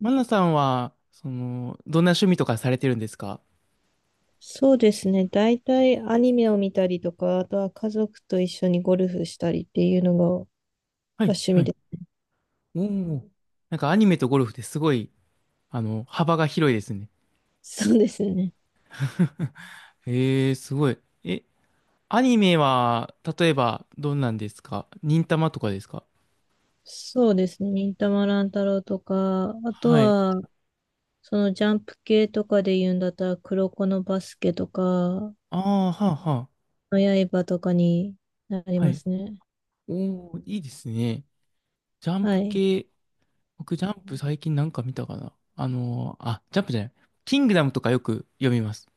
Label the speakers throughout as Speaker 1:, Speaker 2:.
Speaker 1: マナさんは、どんな趣味とかされてるんですか？
Speaker 2: そうですね。大体アニメを見たりとか、あとは家族と一緒にゴルフしたりっていうのが
Speaker 1: はい、
Speaker 2: 趣
Speaker 1: は
Speaker 2: 味
Speaker 1: い。
Speaker 2: で
Speaker 1: おお。なんかアニメとゴルフってすごい、幅が広いですね。
Speaker 2: す。そうですね。
Speaker 1: へえ、すごい。え、アニメは、例えば、どんなんですか？忍たまとかですか？
Speaker 2: そうですね。忍たま乱太郎とか、あと
Speaker 1: はい。
Speaker 2: は、そのジャンプ系とかで言うんだったら、黒子のバスケとか、の
Speaker 1: ああ、はあ、は
Speaker 2: 刃とかになり
Speaker 1: あ。は
Speaker 2: ま
Speaker 1: い。
Speaker 2: すね。
Speaker 1: おお、いいですね。ジャン
Speaker 2: は
Speaker 1: プ
Speaker 2: い。
Speaker 1: 系、僕ジャンプ最近なんか見たかなあ、ジャンプじゃない。キングダムとかよく読みます。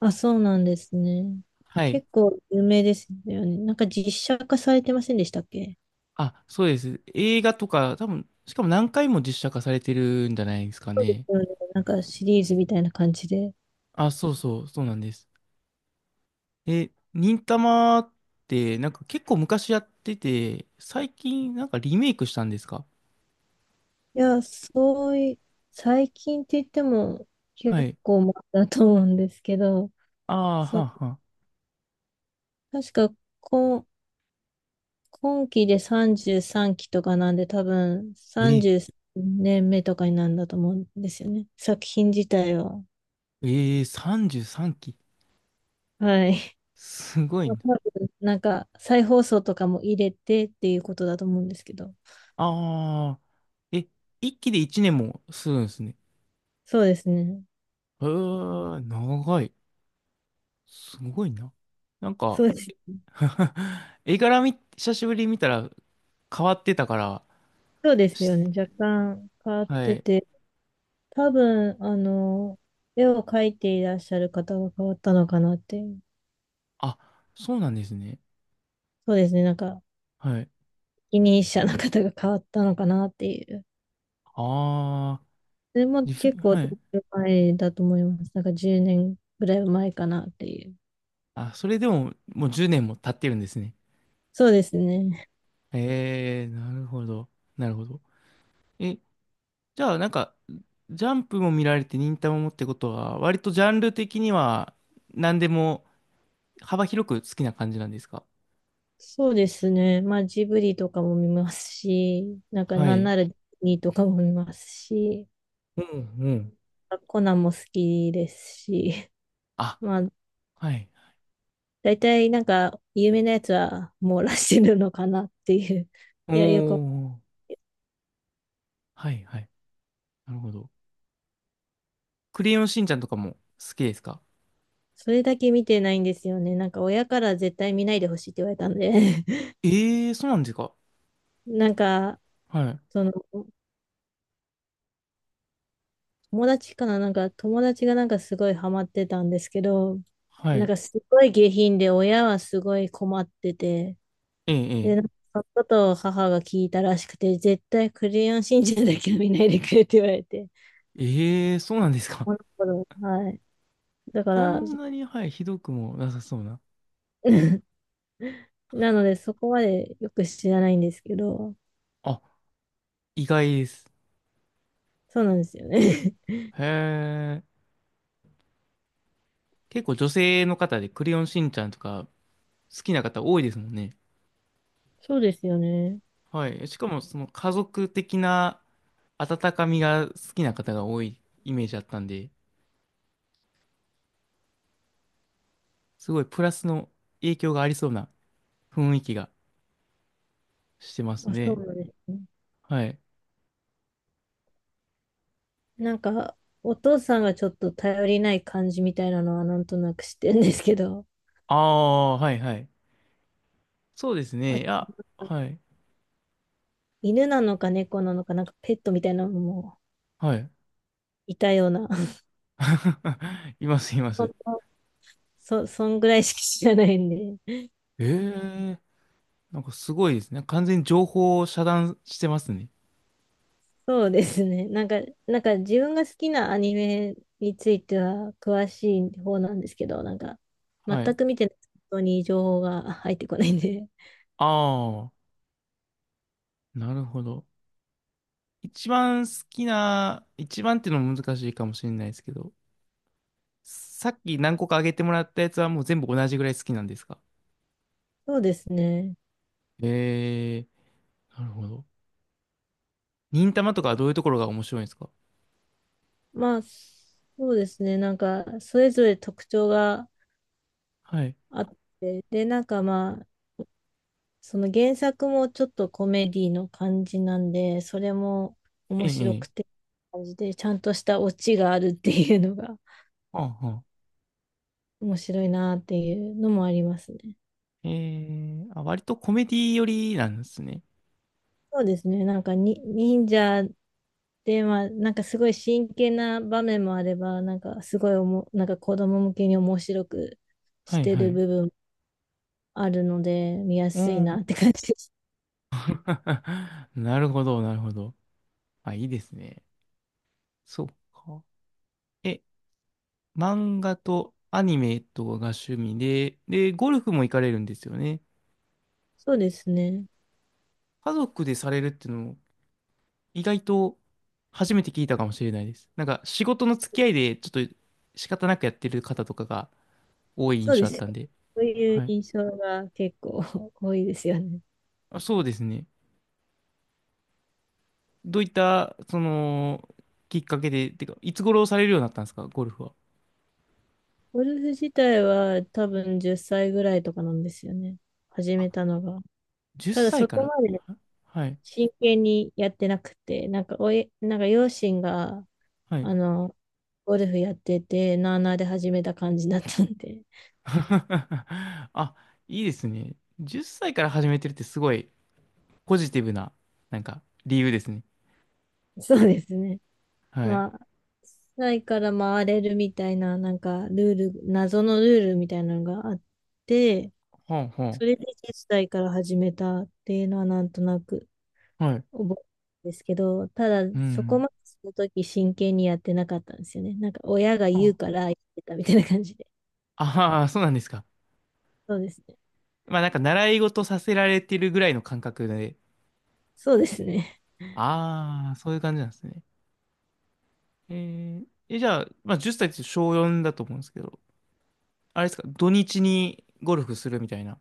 Speaker 2: あ、そうなんですね。
Speaker 1: はい。
Speaker 2: 結構有名ですよね。なんか実写化されてませんでしたっけ？
Speaker 1: あ、そうです。映画とか、多分、しかも何回も実写化されてるんじゃないですか
Speaker 2: そうで
Speaker 1: ね。
Speaker 2: すよね。なんかシリーズみたいな感じで。
Speaker 1: あ、そうそう、そうなんです。え、忍たまって、なんか結構昔やってて、最近なんかリメイクしたんですか？
Speaker 2: いや、そうい、最近って言っても
Speaker 1: は
Speaker 2: 結
Speaker 1: い。
Speaker 2: 構前だと思うんですけど、
Speaker 1: ああ、
Speaker 2: そ
Speaker 1: は
Speaker 2: う、
Speaker 1: あ、はあ。
Speaker 2: 確か今、今期で33期とかなんで多分
Speaker 1: え、
Speaker 2: 33年目とかになるんだと思うんですよね。作品自体は。
Speaker 1: 33期。
Speaker 2: はい。
Speaker 1: すごいな。
Speaker 2: まあ多分なんか再放送とかも入れてっていうことだと思うんですけど。
Speaker 1: ああ、え、1期で1年もするんですね。
Speaker 2: そうですね。
Speaker 1: えー、長い。すごいな。なんか、
Speaker 2: そうです。
Speaker 1: 絵柄み、久しぶりに見たら、変わってたから、
Speaker 2: そうですよね。若干変わっ
Speaker 1: は
Speaker 2: て
Speaker 1: い。
Speaker 2: て。多分、絵を描いていらっしゃる方が変わったのかなっていう。
Speaker 1: あ、そうなんですね。
Speaker 2: そうですね、なんか、
Speaker 1: はい。
Speaker 2: 一人者の方が変わったのかなっていう。
Speaker 1: ああ、
Speaker 2: でも
Speaker 1: リフ、
Speaker 2: 結構
Speaker 1: はい。
Speaker 2: 前だと思います。なんか10年ぐらい前かなっていう。
Speaker 1: あ、それでも、もう10年も経ってるんですね。
Speaker 2: そうですね。
Speaker 1: ええ、なるほど。なるほど。え、じゃあ、なんか、ジャンプも見られて、忍たまもってことは、割とジャンル的には、何でも幅広く好きな感じなんですか？
Speaker 2: そうですね。まあ、ジブリとかも見ますし、なんか、
Speaker 1: は
Speaker 2: なん
Speaker 1: い。
Speaker 2: ならディズニーとかも見ますし、
Speaker 1: うんうん。
Speaker 2: コナンも好きですし、
Speaker 1: あ、
Speaker 2: まあ、
Speaker 1: はい。
Speaker 2: 大体なんか、有名なやつは網羅してるのかなっていう。
Speaker 1: お
Speaker 2: いや、よく
Speaker 1: ー、はいはい。なるほど。クレヨンしんちゃんとかも好きですか？
Speaker 2: それだけ見てないんですよね。なんか親から絶対見ないでほしいって言われたんで
Speaker 1: ええー、そうなんですか？
Speaker 2: なんか、
Speaker 1: はい。
Speaker 2: その、友達かななんか友達がなんかすごいハマってたんですけど、
Speaker 1: は
Speaker 2: なん
Speaker 1: い。
Speaker 2: かすごい下品で親はすごい困ってて、
Speaker 1: ええ、え
Speaker 2: で、なんか
Speaker 1: え。
Speaker 2: そのことを母が聞いたらしくて、絶対クレヨンしんちゃんだけは見ないでくれって言われて、
Speaker 1: ええ、そうなんですか。
Speaker 2: この頃、はい。だか
Speaker 1: そ
Speaker 2: ら、
Speaker 1: んなに、はい、ひどくもなさそうな。
Speaker 2: なのでそこまでよく知らないんですけど、
Speaker 1: あ、意外です。
Speaker 2: そうなんですよね。
Speaker 1: へえ。結構女性の方でクレヨンしんちゃんとか好きな方多いですもんね。
Speaker 2: そうですよね。
Speaker 1: はい。しかも、その家族的な温かみが好きな方が多いイメージだったんで、すごいプラスの影響がありそうな雰囲気がしてます
Speaker 2: あ、そ
Speaker 1: ね。
Speaker 2: うなんですね。
Speaker 1: はい。
Speaker 2: なんか、お父さんがちょっと頼りない感じみたいなのはなんとなく知ってるんですけど、
Speaker 1: ああ、はい、はい。そうです
Speaker 2: あ
Speaker 1: ね。い
Speaker 2: と、
Speaker 1: や、はい。
Speaker 2: 犬なのか猫なのか、なんかペットみたいなのも
Speaker 1: はい。
Speaker 2: いたような、
Speaker 1: います、いま
Speaker 2: そん
Speaker 1: す。
Speaker 2: なそんぐらいしか知らないんで。
Speaker 1: ええ、なんかすごいですね。完全に情報を遮断してますね。
Speaker 2: そうですね。なんか自分が好きなアニメについては詳しい方なんですけど、なんか、全
Speaker 1: はい。
Speaker 2: く見てない人に情報が入ってこないんで。
Speaker 1: ああ、なるほど。一番好きな、一番っていうのも難しいかもしれないですけど、さっき何個か挙げてもらったやつはもう全部同じぐらい好きなんですか？
Speaker 2: そうですね。
Speaker 1: ええー、なるほど。忍たまとかはどういうところが面白いんですか？
Speaker 2: まあ、そうですね。なんか、それぞれ特徴が
Speaker 1: はい。
Speaker 2: あって、で、なんかまあ、その原作もちょっとコメディの感じなんで、それも
Speaker 1: え
Speaker 2: 面
Speaker 1: え、
Speaker 2: 白
Speaker 1: ええ。
Speaker 2: くて、感じで、ちゃんとしたオチがあるっていうのが
Speaker 1: はあ、はあ。
Speaker 2: 面白いなっていうのもありますね。
Speaker 1: ええ、あ、割とコメディ寄りなんですね。
Speaker 2: そうですね、なんかに忍者で、まあ、なんかすごい真剣な場面もあれば、なんかすごいなんか子供向けに面白く
Speaker 1: は
Speaker 2: し
Speaker 1: い、
Speaker 2: て
Speaker 1: は
Speaker 2: る
Speaker 1: い。
Speaker 2: 部分あるので、見や
Speaker 1: う
Speaker 2: すいな
Speaker 1: ん。
Speaker 2: って感じです。
Speaker 1: なるほど、なるほど。あ、いいですね。そうか。え、漫画とアニメとかが趣味で、ゴルフも行かれるんですよね。
Speaker 2: そうですね。
Speaker 1: 家族でされるっていうのも意外と初めて聞いたかもしれないです。なんか仕事の付き合いでちょっと仕方なくやってる方とかが多い印
Speaker 2: そう
Speaker 1: 象
Speaker 2: で
Speaker 1: あっ
Speaker 2: すよ。
Speaker 1: たんで。
Speaker 2: そういう
Speaker 1: はい。
Speaker 2: 印象が結構 多いですよね。
Speaker 1: あ、そうですね。どういった、きっかけで、てか、いつ頃されるようになったんですか、ゴルフは。
Speaker 2: ゴルフ自体は多分10歳ぐらいとかなんですよね。始
Speaker 1: あ、
Speaker 2: めたのが。
Speaker 1: 10
Speaker 2: ただ
Speaker 1: 歳
Speaker 2: そ
Speaker 1: か
Speaker 2: こ
Speaker 1: ら。
Speaker 2: まで
Speaker 1: はい。
Speaker 2: 真剣にやってなくて、なんかなんか両親が、
Speaker 1: はい。
Speaker 2: あの、ゴルフやってて、なあなあで始めた感じだったんで。
Speaker 1: あ、いいですね。10歳から始めてるってすごいポジティブな、なんか、理由ですね。
Speaker 2: そうですね。
Speaker 1: はい。
Speaker 2: まあ、歳から回れるみたいな、なんかルール、謎のルールみたいなのがあって、
Speaker 1: ほうほ
Speaker 2: それで1さ代から始めたっていうのはなんとなく
Speaker 1: う。はい。
Speaker 2: 覚えてるんですけど、ただ
Speaker 1: う
Speaker 2: そこ
Speaker 1: ん。
Speaker 2: までその時真剣にやってなかったんですよね。なんか親が言う
Speaker 1: あ
Speaker 2: からやってたみたいな感じで。
Speaker 1: あー、そうなんですか。
Speaker 2: そうですね。
Speaker 1: まあ、なんか、習い事させられてるぐらいの感覚で。
Speaker 2: そうですね。
Speaker 1: ああ、そういう感じなんですね。えー、え、じゃあ、まあ、10歳っさいって小4だと思うんですけど、あれですか、土日にゴルフするみたいな。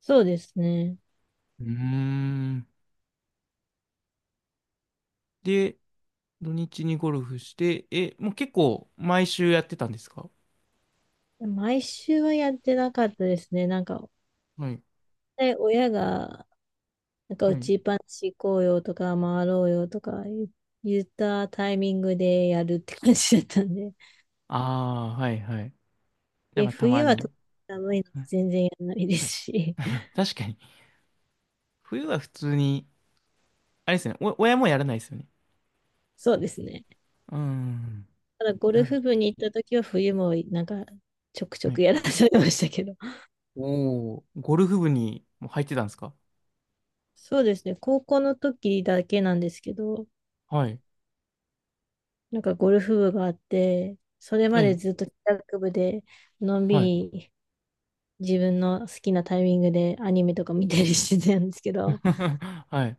Speaker 2: そうですね。
Speaker 1: うーん。で、土日にゴルフして、え、もう結構毎週やってたんですか？
Speaker 2: 毎週はやってなかったですね。なんか、
Speaker 1: はい。
Speaker 2: で親が、なんか
Speaker 1: は
Speaker 2: 打
Speaker 1: い。
Speaker 2: ちっぱなし行こうよとか回ろうよとか言ったタイミングでやるって感じだったんで。
Speaker 1: ああ、はいはい。じゃあ
Speaker 2: で、
Speaker 1: まあたま
Speaker 2: 冬は特
Speaker 1: に。
Speaker 2: に寒いの で
Speaker 1: はい、
Speaker 2: 全然やらないですし。
Speaker 1: 確かに冬は普通に、あれですね、お親もやらないですよね。
Speaker 2: そうですね。
Speaker 1: うーん。
Speaker 2: ただゴル
Speaker 1: なる。
Speaker 2: フ部に行った時は冬もなんかちょくち
Speaker 1: は
Speaker 2: ょ
Speaker 1: い。
Speaker 2: くやらされましたけど。
Speaker 1: おお、ゴルフ部にも入ってたんですか？
Speaker 2: そうですね。高校の時だけなんですけど、
Speaker 1: はい。
Speaker 2: なんかゴルフ部があって、それ
Speaker 1: え
Speaker 2: まで
Speaker 1: え、
Speaker 2: ずっと帰宅部でのんび
Speaker 1: はい。
Speaker 2: り自分の好きなタイミングでアニメとか見たりしてたんですけど、
Speaker 1: はい。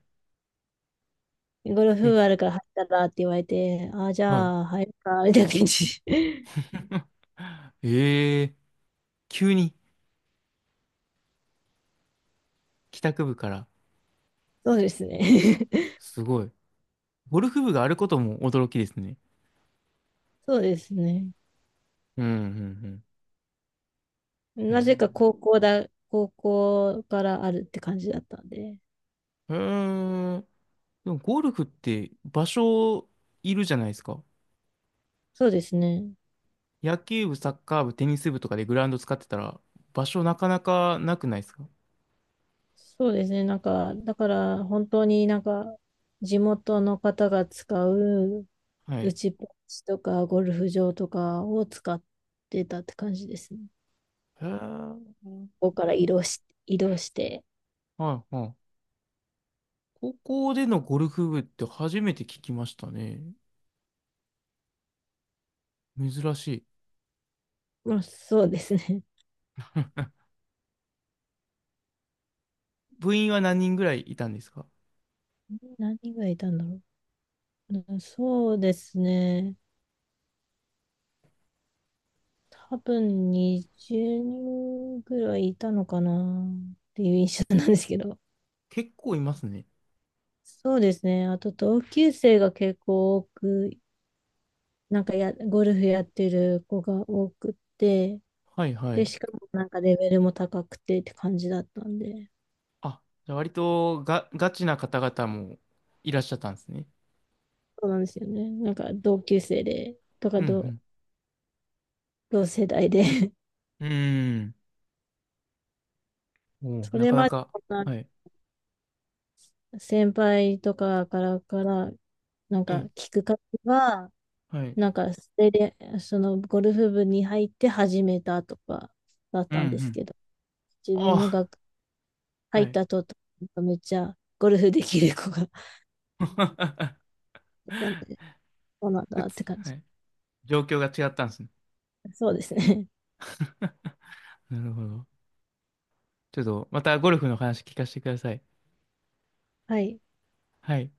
Speaker 2: ゴルフ
Speaker 1: え、
Speaker 2: 部あるから入ったらって言われて、ああ、じ
Speaker 1: はい。
Speaker 2: ゃあ入るか、みたいな感じ。
Speaker 1: ええ、急に帰宅部から。
Speaker 2: そうですね。
Speaker 1: すごい。ゴルフ部があることも驚きですね。
Speaker 2: そうですね。
Speaker 1: うん、うん、うん。へ
Speaker 2: なぜか
Speaker 1: え。
Speaker 2: 高校からあるって感じだったんで。
Speaker 1: へえ。でもゴルフって場所いるじゃないですか。
Speaker 2: そうですね。
Speaker 1: 野球部、サッカー部、テニス部とかでグラウンド使ってたら場所なかなかなくないですか？
Speaker 2: そうですね。なんか、だから本当になんか、地元の方が使う
Speaker 1: は
Speaker 2: 打
Speaker 1: い。
Speaker 2: ちっぱなしとかゴルフ場とかを使ってたって感じですね。
Speaker 1: へー、
Speaker 2: ここから移動して。
Speaker 1: はいはい。高校でのゴルフ部って初めて聞きましたね。珍しい。
Speaker 2: まあそうですね。
Speaker 1: 部員は何人ぐらいいたんですか？
Speaker 2: 何がいたんだろう。うんそうですね。多分20人ぐらいいたのかなっていう印象なんですけど。
Speaker 1: 結構いますね。
Speaker 2: そうですね。あと同級生が結構多くなんかや、ゴルフやってる子が多くって、
Speaker 1: はいは
Speaker 2: で、
Speaker 1: い。
Speaker 2: しかもなんかレベルも高くてって感じだったんで、
Speaker 1: あ、じゃあ割とガチな方々もいらっしゃったんですね。
Speaker 2: そうなんですよね。なんか同級生で、とか
Speaker 1: う
Speaker 2: 同、
Speaker 1: ん
Speaker 2: 同世代で
Speaker 1: うん。うーん。おー、
Speaker 2: そ
Speaker 1: な
Speaker 2: れ
Speaker 1: かな
Speaker 2: まで
Speaker 1: か。
Speaker 2: そん
Speaker 1: はい。
Speaker 2: な先輩とかから、なん
Speaker 1: え
Speaker 2: か
Speaker 1: え、
Speaker 2: 聞く方が、
Speaker 1: はい。
Speaker 2: なんかそれで、そのゴルフ部に入って始めたとかだっ
Speaker 1: うんう
Speaker 2: たんです
Speaker 1: ん。
Speaker 2: けど、自分の
Speaker 1: あ
Speaker 2: 学、
Speaker 1: あ、
Speaker 2: 入
Speaker 1: は
Speaker 2: っ
Speaker 1: い。
Speaker 2: たとめっちゃゴルフできる子が いたんで、そうなん
Speaker 1: 普
Speaker 2: だって
Speaker 1: 通、
Speaker 2: 感
Speaker 1: は
Speaker 2: じ。
Speaker 1: い。状況が違ったんですね。
Speaker 2: そうですね。
Speaker 1: なるほど。ちょっとまたゴルフの話聞かせてください。
Speaker 2: はい。
Speaker 1: はい。